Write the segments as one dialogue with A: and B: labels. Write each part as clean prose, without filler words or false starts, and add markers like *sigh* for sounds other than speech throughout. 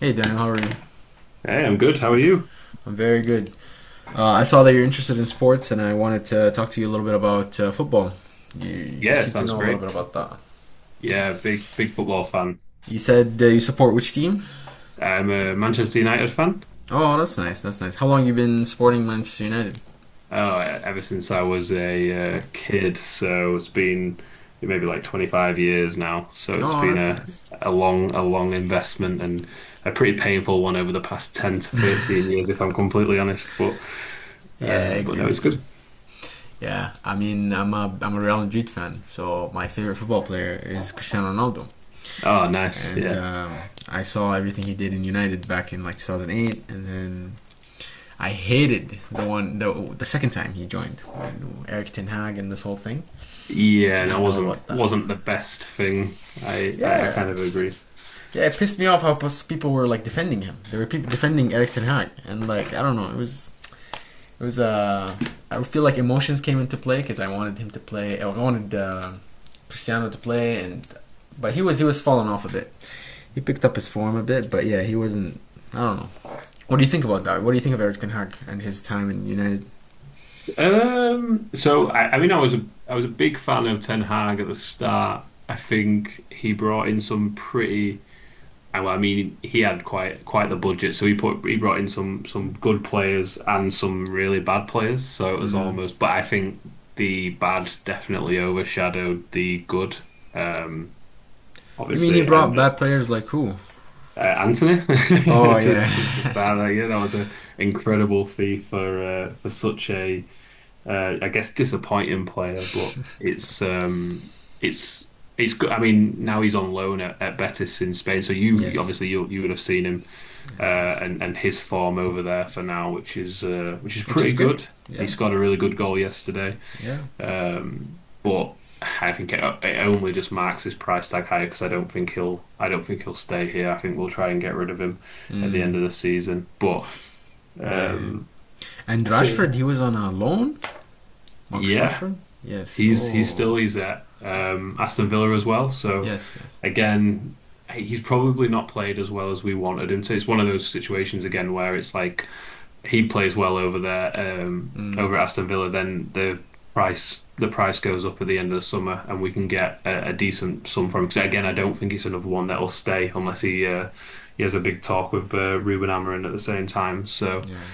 A: Hey, Daniel, how are you?
B: Hey, I'm good. How are you?
A: I'm very good. I saw that you're interested in sports, and I wanted to talk to you a little bit about football. You
B: Yeah,
A: seem to
B: sounds
A: know a little
B: great.
A: bit about that.
B: Yeah, big football fan.
A: You said you support which team?
B: I'm a Manchester United fan.
A: Oh, that's nice. That's nice. How long have you been supporting Manchester United?
B: Oh, ever since I was a kid, so it's been maybe like 25 years now. So it's
A: Oh,
B: been
A: that's nice.
B: a long investment and a pretty painful one over the past 10 to 13 years, if I'm completely honest. But
A: Yeah, I
B: uh, but
A: agree
B: no, it's
A: with you.
B: good.
A: Yeah, I mean, I'm a Real Madrid fan, so my favorite football player is Cristiano Ronaldo,
B: Oh, nice.
A: and
B: Yeah,
A: I saw everything he did in United back in like 2008, and then I hated the one the second time he joined when Eric Ten Hag and this whole thing.
B: yeah. And
A: You
B: it
A: know about
B: wasn't
A: that?
B: wasn't the best thing. I
A: Yeah,
B: kind of agree.
A: yeah. It pissed me off how people were like defending him. They were defending Eric Ten Hag, and like I don't know, it was. I feel like emotions came into play because I wanted him to play. I wanted Cristiano to play, and but he was falling off a bit. He picked up his form a bit, but yeah, he wasn't. I don't know. What do you think about that? What do you think of Eric Ten Hag and his time in United?
B: So I mean, I was a big fan of Ten Hag at the start. I think he brought in some well, I mean, he had quite the budget, so he brought in some good players and some really bad players. So it was
A: Mm.
B: almost, but I think the bad definitely overshadowed the good. Um,
A: You mean he
B: obviously,
A: brought
B: and
A: bad players like who?
B: Anthony *laughs*
A: Oh yeah.
B: to start, like, yeah, that was an incredible fee for such a I guess disappointing player, but it's it's good. I mean, now he's on loan at Betis in Spain, so you
A: Yes.
B: obviously you would have seen him, uh,
A: Yes. Yes.
B: and his form over there for now, which is
A: Which is
B: pretty
A: good.
B: good. He
A: Yeah.
B: scored a really good goal yesterday,
A: Yeah.
B: but I think it only just marks his price tag higher because I don't think he'll I don't think he'll stay here. I think we'll try and get rid of him at the
A: Mm,
B: end of the season, but
A: yeah.
B: um,
A: And
B: so
A: Rashford,
B: yeah.
A: he was on a loan. Marcus
B: Yeah,
A: Rashford. Yes.
B: He's he's
A: Oh.
B: still he's at Aston Villa as well. So
A: Yes. Yes.
B: again, hey, he's probably not played as well as we wanted him to. It's one of those situations again where it's like he plays well over there,
A: Mm,
B: over at Aston Villa, then the price goes up at the end of the summer, and we can get a decent sum from him. Because again, I don't think it's another one that will stay unless he has a big talk with Ruben Amorim at the same time.
A: yeah.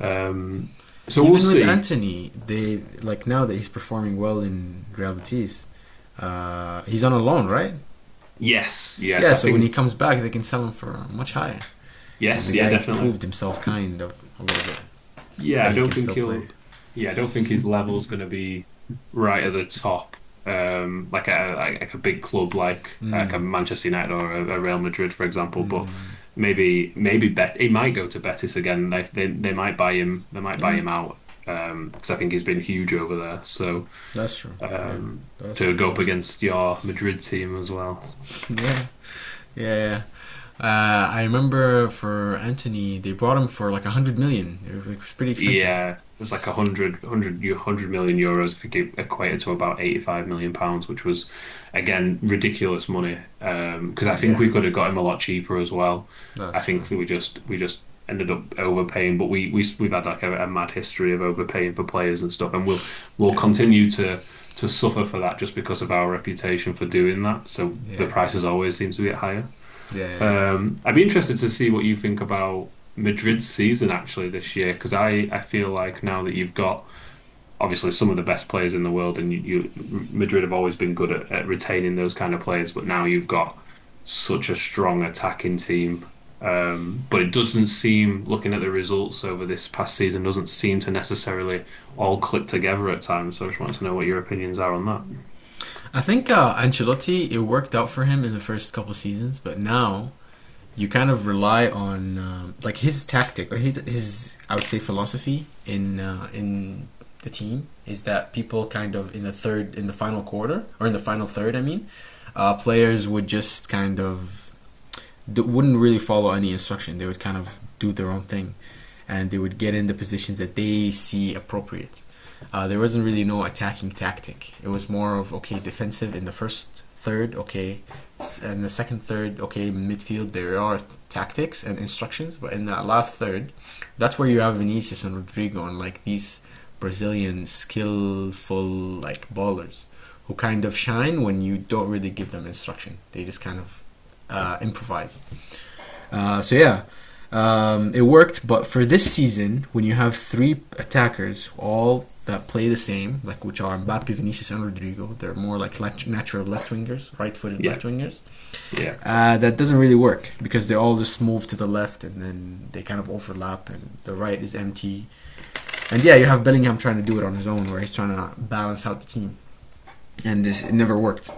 B: um, so we'll
A: Even with
B: see.
A: Anthony, they like now that he's performing well in Real Betis, he's on a loan, right?
B: Yes, yes,
A: Yeah.
B: I
A: So when he
B: think
A: comes back, they can sell him for much higher because the
B: yes, yeah,
A: guy
B: definitely.
A: proved himself kind of a little bit
B: Yeah,
A: that
B: I
A: he
B: don't
A: can
B: think
A: still play.
B: he'll. Yeah, I don't think his level's going to be right at the top. Like a big club, like
A: Mm,
B: a Manchester United or a Real Madrid, for example.
A: mm,
B: But
A: mm.
B: maybe maybe Bet he might go to Betis again. They might buy him. They might buy
A: Yeah.
B: him out. Because I think he's been huge over there. So
A: That's true. Yeah. That's
B: to
A: good.
B: go up
A: That's
B: against your Madrid team as well.
A: good. *laughs* yeah. Yeah. I remember for Anthony, they brought him for like 100 million. It was, like, pretty expensive.
B: Yeah, there's like a hundred, hundred, eu- 100 million euros if you could equate it to about 85 million pounds, which was, again, ridiculous money. Because I think
A: Yeah.
B: we could have got him a lot cheaper as well. I
A: That's true.
B: think that we just ended up overpaying, but we've had like a mad history of overpaying for players and stuff, and we'll
A: Yeah.
B: continue to suffer for that just because of our reputation for doing that. So the
A: Yeah.
B: prices always seem to be higher.
A: Yeah.
B: I'd be interested to see what you think about Madrid's season actually this year, because I feel like now that you've got obviously some of the best players in the world, and you Madrid have always been good at retaining those kind of players, but now you've got such a strong attacking team. But it doesn't seem, looking at the results over this past season, doesn't seem to necessarily all click together at times. So I just want to know what your opinions are on that.
A: I think Ancelotti, it worked out for him in the first couple seasons, but now you kind of rely on like his tactic or his I would say philosophy in in the team is that people kind of in the third in the final quarter or in the final third I mean players would just kind of wouldn't really follow any instruction. They would kind of do their own thing, and they would get in the positions that they see appropriate. There wasn't really no attacking tactic. It was more of okay, defensive in the first third, okay, and the second third, okay, midfield. There are tactics and instructions, but in that last third, that's where you have Vinicius and Rodrigo and like these Brazilian skillful like ballers who kind of shine when you don't really give them instruction. They just kind of improvise. So yeah, it worked. But for this season, when you have three attackers all that play the same, like which are Mbappe, Vinicius, and Rodrigo, they're more like natural left wingers, right-footed left
B: Yeah,
A: wingers.
B: yeah,
A: That doesn't really work because they all just move to the left and then they kind of overlap, and the right is empty. And yeah, you have Bellingham trying to do it on his own, where he's trying to balance out the team and this it never worked.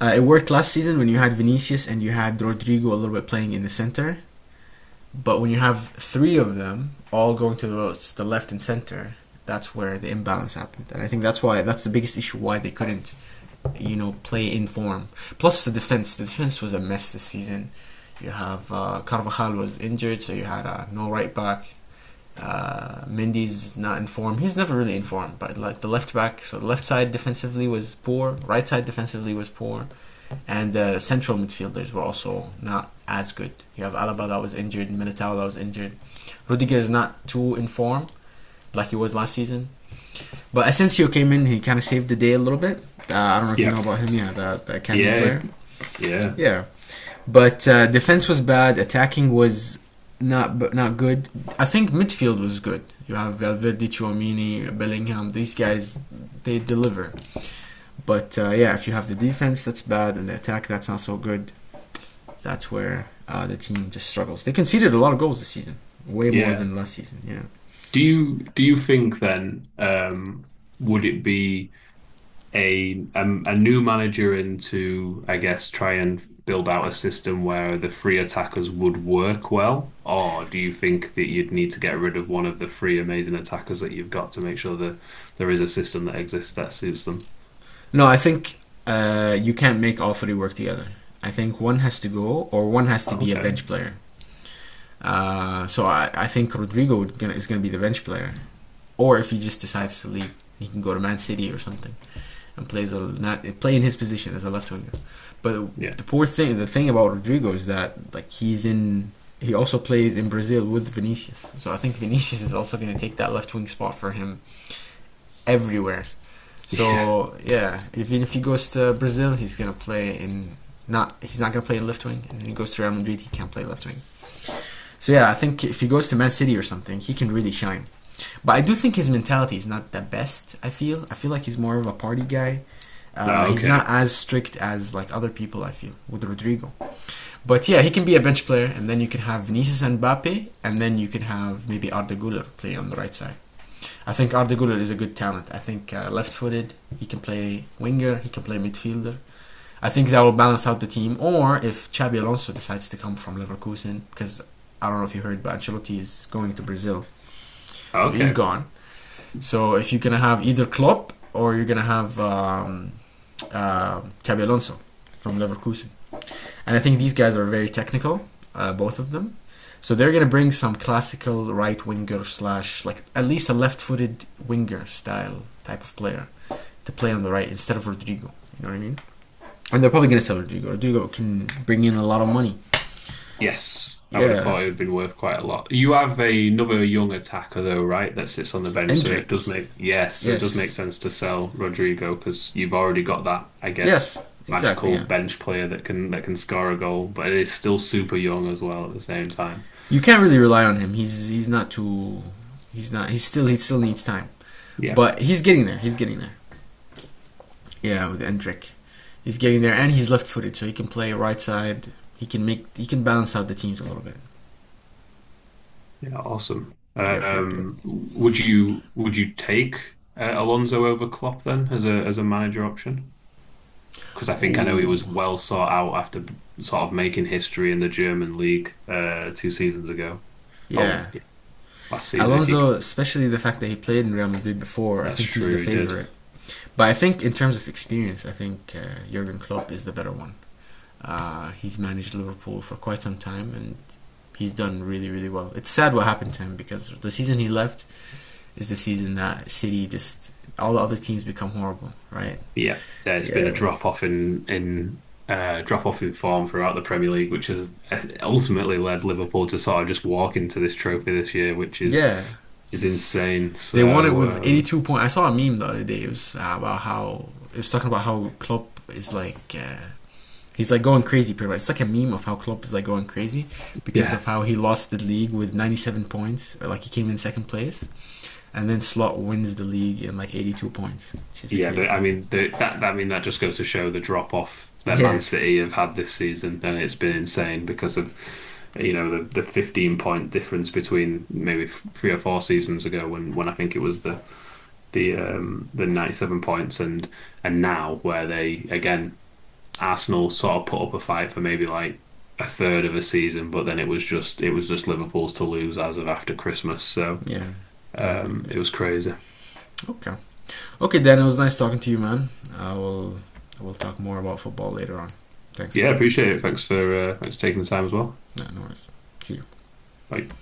A: It worked last season when you had Vinicius and you had Rodrigo a little bit playing in the center, but when you have three of them all going to the votes, the left and center, that's where the imbalance happened. And I think that's why that's the biggest issue why they couldn't, you know, play in form. Plus the defense. The defense was a mess this season. You have Carvajal was injured, so you had no right back. Mindy's not in form. He's never really in form, but like the left back, so the left side defensively was poor, right side defensively was poor. And the central midfielders were also not as good. You have Alaba that was injured, Militao that was injured. Rudiger is not too in form like he was last season. But Asensio came in, he kind of saved the day a little bit. I don't know if you
B: yeah,
A: know about him, yeah, the academy
B: yeah,
A: player.
B: yeah,
A: Yeah. But defense was bad, attacking was not good. I think midfield was good. You have Valverde, Chouamini, Bellingham. These guys, they deliver. But yeah, if you have the defense that's bad and the attack that's not so good, that's where the team just struggles. They conceded a lot of goals this season, way more
B: yeah.
A: than last season. Yeah.
B: Do you think then, would it be a new manager in to I guess try and build out a system where the free attackers would work well, or do you think that you'd need to get rid of one of the three amazing attackers that you've got to make sure that there is a system that exists that suits them?
A: No, I think you can't make all three work together. I think one has to go, or one has to be a
B: Okay,
A: bench player. So I think Rodrigo is going to be the bench player, or if he just decides to leave, he can go to Man City or something, and plays a not play in his position as a left winger. But
B: yeah,
A: the poor thing, the thing about Rodrigo is that like he's in. He also plays in Brazil with Vinicius, so I think Vinicius is also going to take that left wing spot for him everywhere.
B: *laughs* yeah,
A: So yeah, even if he goes to Brazil, he's going to play in not. He's not going to play in left wing, and if he goes to Real Madrid, he can't play left wing. So yeah, I think if he goes to Man City or something, he can really shine. But I do think his mentality is not the best. I feel like he's more of a party guy.
B: no,
A: He's not
B: okay,
A: as strict as like other people. I feel with Rodrigo. But yeah, he can be a bench player, and then you can have Vinicius and Mbappe, and then you can have maybe Arda Güler play on the right side. I think Arda Güler is a good talent. I think left-footed. He can play winger. He can play midfielder. I think that will balance out the team. Or if Xabi Alonso decides to come from Leverkusen, because I don't know if you heard, but Ancelotti is going to Brazil, so he's
B: okay.
A: gone. So if you're gonna have either Klopp or you're gonna have Xabi Alonso from Leverkusen, and I think these guys are very technical, both of them. So they're gonna bring some classical right winger slash like at least a left-footed winger style type of player to play on the right instead of Rodrigo. You know what I mean? And they're probably gonna sell Rodrigo. Rodrigo can bring in a lot of money.
B: Yes, I would have
A: Yeah,
B: thought it would have been worth quite a lot. You have another young attacker though, right? That sits on the bench, so it
A: Endrick.
B: does make yes, so it does make
A: Yes.
B: sense to sell Rodrigo because you've already got that, I
A: Yes.
B: guess,
A: Exactly.
B: magical
A: Yeah.
B: bench player that can score a goal, but it is still super young as well at the same time.
A: You can't really rely on him. He's not too. He's not. He's still. He still needs time,
B: Yeah,
A: but he's getting there. He's getting there. Yeah, with Endrick, he's getting there, and he's left-footed, so he can play right side. He can make. He can balance out the teams a little bit.
B: yeah, awesome.
A: Yep, yep, yep.
B: Would you take Alonso over Klopp then as a manager option? Because I think I know he
A: Oh,
B: was well sought out after sort of making history in the German league two seasons ago.
A: yeah.
B: Oh, yeah, last season, if you
A: Alonso, especially the fact that he played in Real Madrid before, I
B: that's
A: think he's the
B: true, he did.
A: favorite. But I think in terms of experience, I think Jurgen Klopp is the better one. He's managed Liverpool for quite some time and he's done really, really well. It's sad what happened to him because the season he left is the season that City just all the other teams become horrible, right?
B: But yeah, there's been a
A: Yeah,
B: drop off in drop off in form throughout the Premier League, which has, ultimately led Liverpool to sort of just walk into this trophy this year, which
A: yeah.
B: is insane.
A: They won it with 82 points. I saw a meme the other day. It was about how it was talking about how Klopp is like he's like going crazy. Pretty much, it's like a meme of how Klopp is like going crazy because
B: Yeah.
A: of how he lost the league with 97 points. Or like he came in second place. And then Slot wins the league in like 82 points. It's just
B: Yeah, I
A: crazy.
B: mean they, that. I mean that just goes to show the drop off that Man
A: Yeah.
B: City have had this season, and it's been insane because of you know the 15 point difference between maybe three or four seasons ago when I think it was the 97 points and now where they again Arsenal sort of put up a fight for maybe like a third of a season, but then it was just Liverpool's to lose as of after Christmas, so
A: Yeah. Yep, yep, yep.
B: it was crazy.
A: Okay. Okay, Dan, it was nice talking to you, man. I will I will talk more about football later on. Thanks.
B: Yeah, appreciate it. Thanks for thanks for taking the time as well.
A: No, no worries. See you.
B: Like